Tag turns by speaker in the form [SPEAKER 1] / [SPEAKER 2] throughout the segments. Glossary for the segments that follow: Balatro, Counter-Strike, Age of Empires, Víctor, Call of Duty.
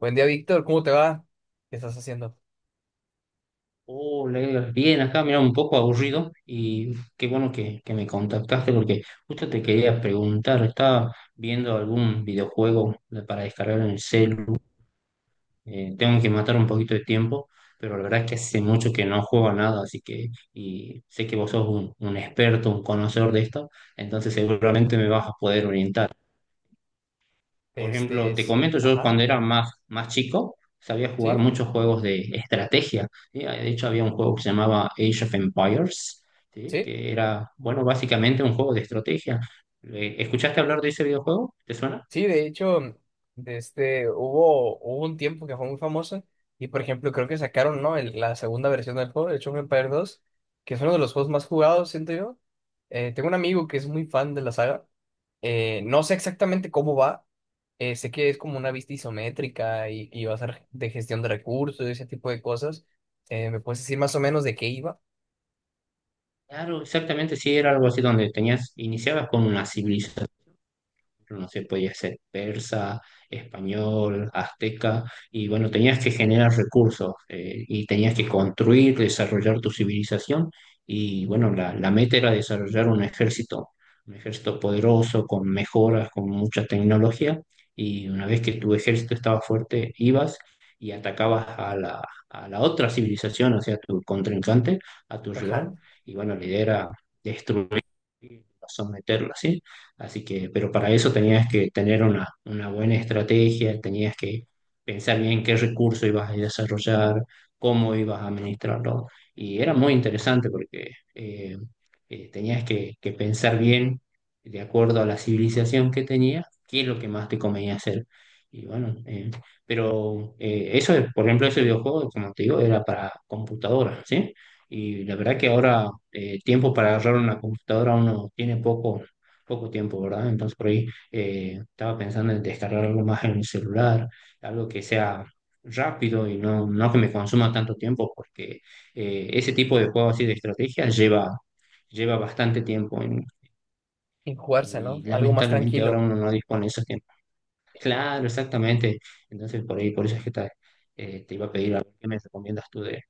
[SPEAKER 1] Buen día, Víctor. ¿Cómo te va? ¿Qué estás haciendo?
[SPEAKER 2] Oh, Leila, bien, acá mira un poco aburrido y qué bueno que me contactaste porque justo te quería preguntar, estaba viendo algún para descargar en el celu, tengo que matar un poquito de tiempo, pero la verdad es que hace mucho que no juego a nada, así que y sé que vos sos un experto, un conocedor de esto, entonces seguramente me vas a poder orientar. Por
[SPEAKER 1] Este,
[SPEAKER 2] ejemplo, te
[SPEAKER 1] es-
[SPEAKER 2] comento, yo
[SPEAKER 1] ajá,
[SPEAKER 2] cuando era más chico sabía jugar
[SPEAKER 1] sí,
[SPEAKER 2] muchos juegos de estrategia, ¿sí? De hecho, había un juego que se llamaba Age of Empires, ¿sí?,
[SPEAKER 1] sí,
[SPEAKER 2] que era, bueno, básicamente un juego de estrategia. ¿Escuchaste hablar de ese videojuego? ¿Te suena?
[SPEAKER 1] sí. De hecho, hubo un tiempo que fue muy famoso y, por ejemplo, creo que sacaron, ¿no, la segunda versión del juego, el Age of Empires dos, que es uno de los juegos más jugados, siento yo. Tengo un amigo que es muy fan de la saga. No sé exactamente cómo va. Sé que es como una vista isométrica y, va a ser de gestión de recursos y ese tipo de cosas. ¿Me puedes decir más o menos de qué iba?
[SPEAKER 2] Claro, exactamente, sí, era algo así donde tenías, iniciabas con una civilización, no sé, podía ser persa, español, azteca, y bueno, tenías que generar recursos, y tenías que construir, desarrollar tu civilización, y bueno, la meta era desarrollar un ejército poderoso, con mejoras, con mucha tecnología, y una vez que tu ejército estaba fuerte, ibas y atacabas a a la otra civilización, o sea, a tu contrincante, a tu rival, y bueno, la idea era destruir, someterla, ¿sí? Así que, pero para eso tenías que tener una buena estrategia, tenías que pensar bien qué recurso ibas a desarrollar, cómo ibas a administrarlo. Y era muy interesante porque tenías que pensar bien, de acuerdo a la civilización que tenías, qué es lo que más te convenía hacer. Y bueno, pero por ejemplo, ese videojuego, como te digo, era para computadora, ¿sí? Y la verdad que ahora tiempo para agarrar una computadora uno tiene poco tiempo, ¿verdad? Entonces por ahí estaba pensando en descargar algo más en mi celular, algo que sea rápido y no, no que me consuma tanto tiempo, porque ese tipo de juegos así de estrategia lleva bastante tiempo
[SPEAKER 1] Y jugarse,
[SPEAKER 2] y
[SPEAKER 1] ¿no? Algo más
[SPEAKER 2] lamentablemente ahora
[SPEAKER 1] tranquilo.
[SPEAKER 2] uno no dispone de esos tiempos. Claro, exactamente. Entonces por ahí, por eso es que te iba a pedir, a ver, ¿qué me recomiendas tú de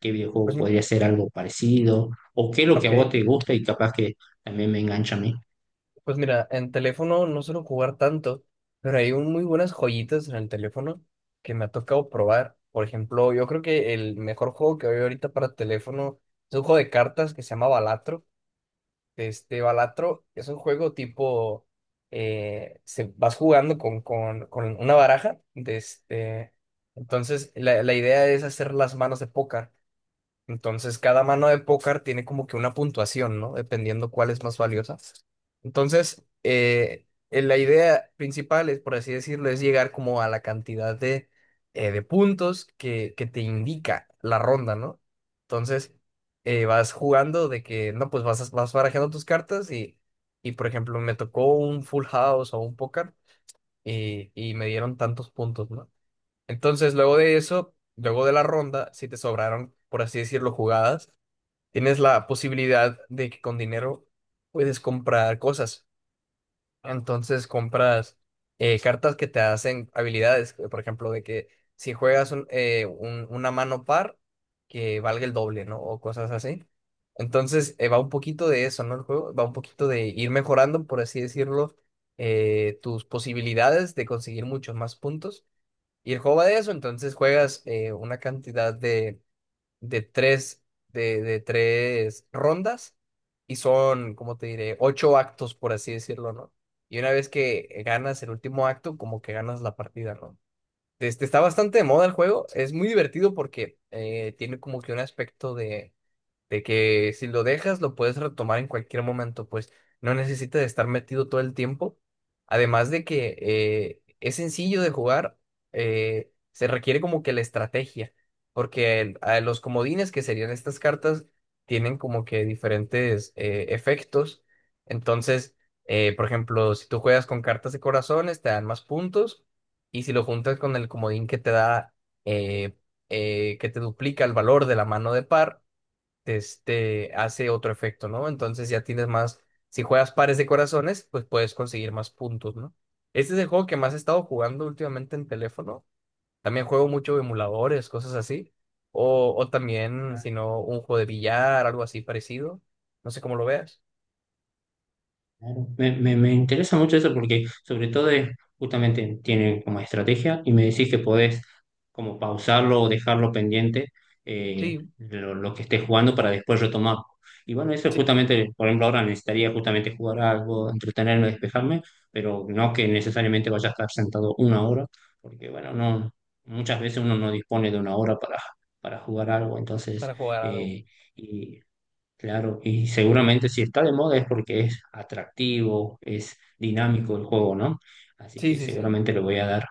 [SPEAKER 2] qué videojuego
[SPEAKER 1] Pues, m-
[SPEAKER 2] podría ser algo parecido o qué es lo que a
[SPEAKER 1] ok,
[SPEAKER 2] vos te gusta y capaz que también me engancha a mí?
[SPEAKER 1] pues mira, en teléfono no suelo jugar tanto, pero muy buenas joyitas en el teléfono que me ha tocado probar. Por ejemplo, yo creo que el mejor juego que hay ahorita para teléfono es un juego de cartas que se llama Balatro. Este Balatro es un juego tipo, vas jugando con una baraja. Entonces, la la, idea es hacer las manos de póker. Entonces, cada mano de póker tiene como que una puntuación, ¿no? Dependiendo cuál es más valiosa. Entonces, la idea principal es, por así decirlo, es llegar como a la cantidad de puntos que te indica la ronda, ¿no? Entonces, vas jugando de que, no, pues vas barajando tus cartas y, por ejemplo, me tocó un full house o un póker y me dieron tantos puntos, ¿no? Entonces, luego de eso, luego de la ronda, si te sobraron, por así decirlo, jugadas, tienes la posibilidad de que con dinero puedes comprar cosas. Entonces, compras cartas que te hacen habilidades. Por ejemplo, de que si juegas una mano par, que valga el doble, ¿no? O cosas así. Entonces, va un poquito de eso, ¿no? El juego va un poquito de ir mejorando, por así decirlo, tus posibilidades de conseguir muchos más puntos y el juego va de eso, entonces juegas una cantidad de, de tres, de tres rondas y son, ¿como te diré? Ocho actos, por así decirlo, ¿no? Y una vez que ganas el último acto, como que ganas la partida, ¿no? Este, está bastante de moda el juego, es muy divertido porque tiene como que un aspecto de que si lo dejas, lo puedes retomar en cualquier momento, pues no necesitas estar metido todo el tiempo. Además de que es sencillo de jugar, se requiere como que la estrategia, porque a los comodines, que serían estas cartas, tienen como que diferentes efectos. Entonces, por ejemplo, si tú juegas con cartas de corazones, te dan más puntos, y si lo juntas con el comodín que te da, eh, que te duplica el valor de la mano de par, este, hace otro efecto, ¿no? Entonces ya tienes más, si juegas pares de corazones, pues puedes conseguir más puntos, ¿no? Este es el juego que más he estado jugando últimamente en teléfono. También juego mucho emuladores, cosas así. O también, si no, un juego de billar, algo así parecido. No sé cómo lo veas.
[SPEAKER 2] Claro. Me interesa mucho eso porque sobre todo es, justamente tiene como estrategia y me decís que podés como pausarlo o dejarlo pendiente,
[SPEAKER 1] Sí,
[SPEAKER 2] lo que estés jugando para después retomarlo. Y bueno, eso es
[SPEAKER 1] sí,
[SPEAKER 2] justamente, por ejemplo, ahora necesitaría justamente jugar algo, entretenerme, despejarme, pero no que necesariamente vaya a estar sentado una hora, porque bueno, no, muchas veces uno no dispone de una hora para jugar algo, entonces
[SPEAKER 1] para jugar algo.
[SPEAKER 2] eh, y claro, y seguramente si está de moda es porque es atractivo, es dinámico el juego, ¿no? Así
[SPEAKER 1] Sí,
[SPEAKER 2] que
[SPEAKER 1] sí, sí.
[SPEAKER 2] seguramente le voy a dar.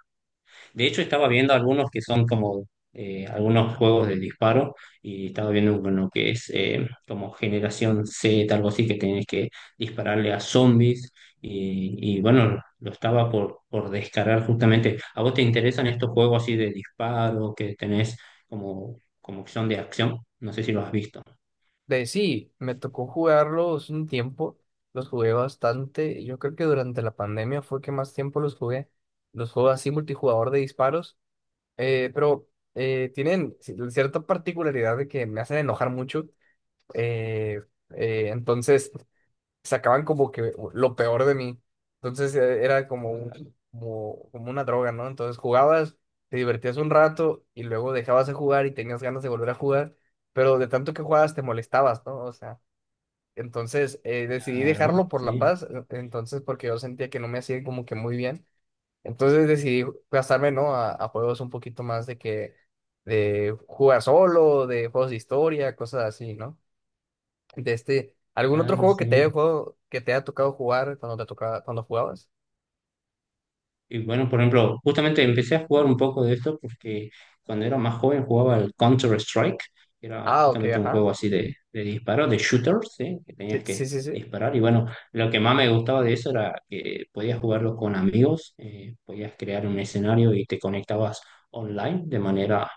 [SPEAKER 2] De hecho, estaba viendo algunos que son como algunos juegos de disparo y estaba viendo uno que es como Generación Z, algo así, que tenés que dispararle a zombies y bueno, lo estaba por descargar justamente. ¿A vos te interesan estos juegos así de disparo que tenés como que son de acción? No sé si lo has visto.
[SPEAKER 1] De Sí, me tocó jugarlos un tiempo. Los jugué bastante. Yo creo que durante la pandemia fue que más tiempo los jugué, los juegos así multijugador de disparos. Pero tienen cierta particularidad de que me hacen enojar mucho. eh, entonces sacaban como que lo peor de mí. Entonces era como, como, como una droga, ¿no? Entonces jugabas, te divertías un rato y luego dejabas de jugar y tenías ganas de volver a jugar, pero de tanto que jugabas te molestabas, ¿no? O sea, entonces decidí
[SPEAKER 2] Claro,
[SPEAKER 1] dejarlo por la
[SPEAKER 2] sí.
[SPEAKER 1] paz, entonces porque yo sentía que no me hacía como que muy bien. Entonces decidí gastarme, ¿no? A juegos un poquito más de que, de jugar solo, de juegos de historia, cosas así, ¿no? De este, ¿algún otro
[SPEAKER 2] Claro,
[SPEAKER 1] juego que
[SPEAKER 2] sí.
[SPEAKER 1] que te haya tocado jugar cuando te tocaba, cuando jugabas?
[SPEAKER 2] Y bueno, por ejemplo, justamente empecé a jugar un poco de esto porque cuando era más joven jugaba el Counter-Strike, que era
[SPEAKER 1] Ah, ok,
[SPEAKER 2] justamente un
[SPEAKER 1] ajá.
[SPEAKER 2] juego así de disparo, de shooters, ¿sí? Que
[SPEAKER 1] Sí,
[SPEAKER 2] tenías
[SPEAKER 1] sí,
[SPEAKER 2] que
[SPEAKER 1] sí, sí.
[SPEAKER 2] disparar. Y bueno, lo que más me gustaba de eso era que podías jugarlo con amigos, podías crear un escenario y te conectabas online de manera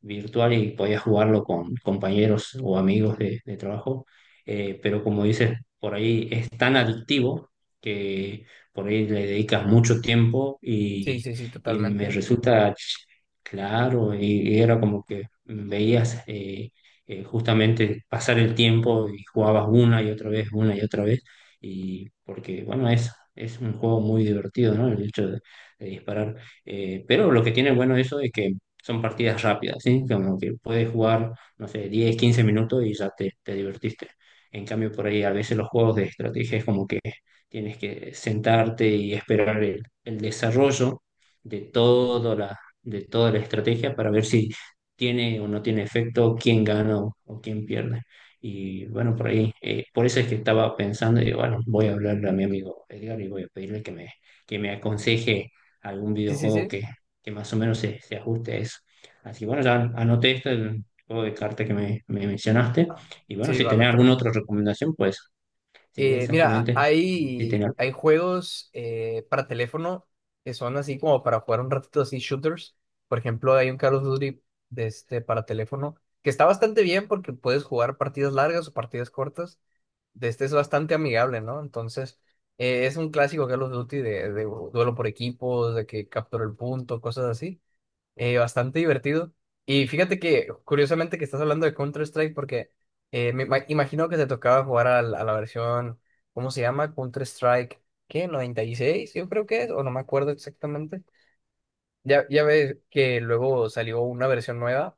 [SPEAKER 2] virtual y podías jugarlo con compañeros o amigos de trabajo. Pero como dices, por ahí es tan adictivo que por ahí le dedicas mucho tiempo
[SPEAKER 1] Sí,
[SPEAKER 2] y,
[SPEAKER 1] sí, sí,
[SPEAKER 2] y me
[SPEAKER 1] totalmente.
[SPEAKER 2] resulta ch- claro, y era como que veías justamente pasar el tiempo y jugabas una y otra vez, una y otra vez, y porque, bueno, es un juego muy divertido, ¿no? El hecho de disparar. Pero lo que tiene bueno eso es que son partidas rápidas, ¿sí? Como que puedes jugar, no sé, 10, 15 minutos y ya te divertiste. En cambio, por ahí a veces los juegos de estrategia es como que tienes que sentarte y esperar el desarrollo de, toda de toda la estrategia para ver si tiene o no tiene efecto, quién gana o quién pierde. Y bueno, por ahí, por eso es que estaba pensando, y bueno, voy a hablarle a mi amigo Edgar y voy a pedirle que me aconseje algún
[SPEAKER 1] Sí, sí,
[SPEAKER 2] videojuego
[SPEAKER 1] sí.
[SPEAKER 2] que más o menos se ajuste a eso. Así que bueno, ya anoté esto, el juego de cartas me mencionaste.
[SPEAKER 1] Ah,
[SPEAKER 2] Y bueno,
[SPEAKER 1] sí,
[SPEAKER 2] si tenés
[SPEAKER 1] Balatro.
[SPEAKER 2] alguna otra recomendación, pues sí,
[SPEAKER 1] Eh, mira,
[SPEAKER 2] exactamente. Y si
[SPEAKER 1] hay,
[SPEAKER 2] tenés
[SPEAKER 1] hay juegos para teléfono que son así como para jugar un ratito, así shooters. Por ejemplo, hay un Call of Duty de este, para teléfono, que está bastante bien porque puedes jugar partidas largas o partidas cortas. De este es bastante amigable, ¿no? Entonces, es un clásico Call of Duty de duelo por equipos, de que captura el punto, cosas así, bastante divertido. Y fíjate que, curiosamente, que estás hablando de Counter-Strike porque imagino que te tocaba jugar a la versión, ¿cómo se llama? Counter-Strike, ¿qué, 96? Yo creo que es, o no me acuerdo exactamente. Ya ves que luego salió una versión nueva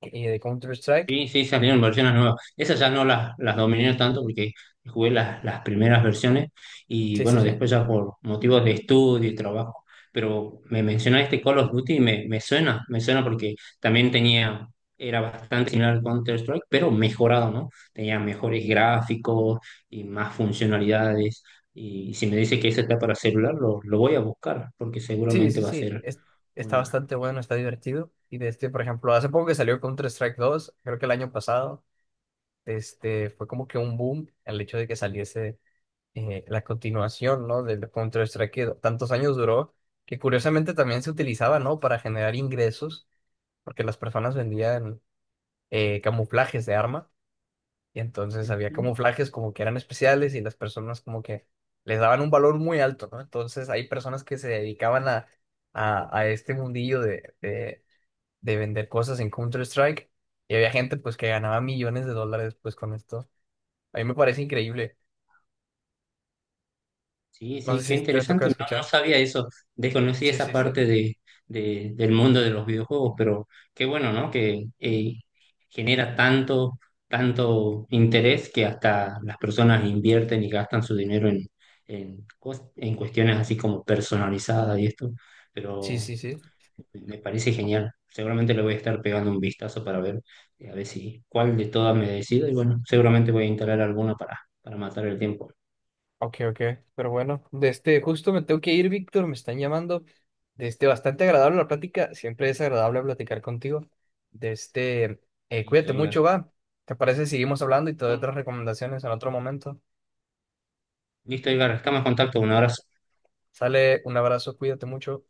[SPEAKER 1] de Counter-Strike.
[SPEAKER 2] sí, sí, salieron versiones nuevas. Esas ya no las dominé tanto porque jugué las primeras versiones y
[SPEAKER 1] Sí, sí,
[SPEAKER 2] bueno,
[SPEAKER 1] sí.
[SPEAKER 2] después ya por motivos de estudio y trabajo. Pero me mencionaste Call of Duty y me suena porque también tenía, era bastante similar al Counter-Strike, pero mejorado, ¿no? Tenía mejores gráficos y más funcionalidades. Y si me dice que ese está para celular, lo voy a buscar porque
[SPEAKER 1] Sí,
[SPEAKER 2] seguramente
[SPEAKER 1] sí,
[SPEAKER 2] va a
[SPEAKER 1] sí.
[SPEAKER 2] ser
[SPEAKER 1] es- está
[SPEAKER 2] una.
[SPEAKER 1] bastante bueno, está divertido. Y de este, por ejemplo, hace poco que salió Counter-Strike dos, creo que el año pasado, este, fue como que un boom el hecho de que saliese la continuación, ¿no? Del Counter-Strike que tantos años duró, que curiosamente también se utilizaba, ¿no? Para generar ingresos, porque las personas vendían camuflajes de arma, y entonces había camuflajes como que eran especiales y las personas como que les daban un valor muy alto, ¿no? Entonces hay personas que se dedicaban a este mundillo de vender cosas en Counter-Strike, y había gente pues que ganaba millones de dólares pues con esto. A mí me parece increíble.
[SPEAKER 2] Sí,
[SPEAKER 1] No
[SPEAKER 2] sí, qué
[SPEAKER 1] sé si te toca
[SPEAKER 2] interesante. No, no
[SPEAKER 1] escuchar.
[SPEAKER 2] sabía eso. Desconocí
[SPEAKER 1] Sí,
[SPEAKER 2] esa
[SPEAKER 1] sí,
[SPEAKER 2] parte
[SPEAKER 1] sí.
[SPEAKER 2] de, del mundo de los videojuegos, pero qué bueno, ¿no? Que genera tanto, tanto interés que hasta las personas invierten y gastan su dinero en, en cuestiones así como personalizadas y esto.
[SPEAKER 1] Sí,
[SPEAKER 2] Pero
[SPEAKER 1] sí, sí.
[SPEAKER 2] me parece genial. Seguramente le voy a estar pegando un vistazo para ver, a ver si cuál de todas me decido. Y bueno, seguramente voy a instalar alguna para matar el tiempo.
[SPEAKER 1] Ok, ok. Pero bueno, de este, justo me tengo que ir, Víctor, me están llamando. De este, bastante agradable la plática. Siempre es agradable platicar contigo. De este,
[SPEAKER 2] Listo,
[SPEAKER 1] cuídate
[SPEAKER 2] oiga.
[SPEAKER 1] mucho, va. ¿Te parece si Seguimos hablando y te doy otras recomendaciones en otro momento?
[SPEAKER 2] Listo, Edgar, estamos en contacto. Un abrazo.
[SPEAKER 1] Sale, un abrazo, cuídate mucho.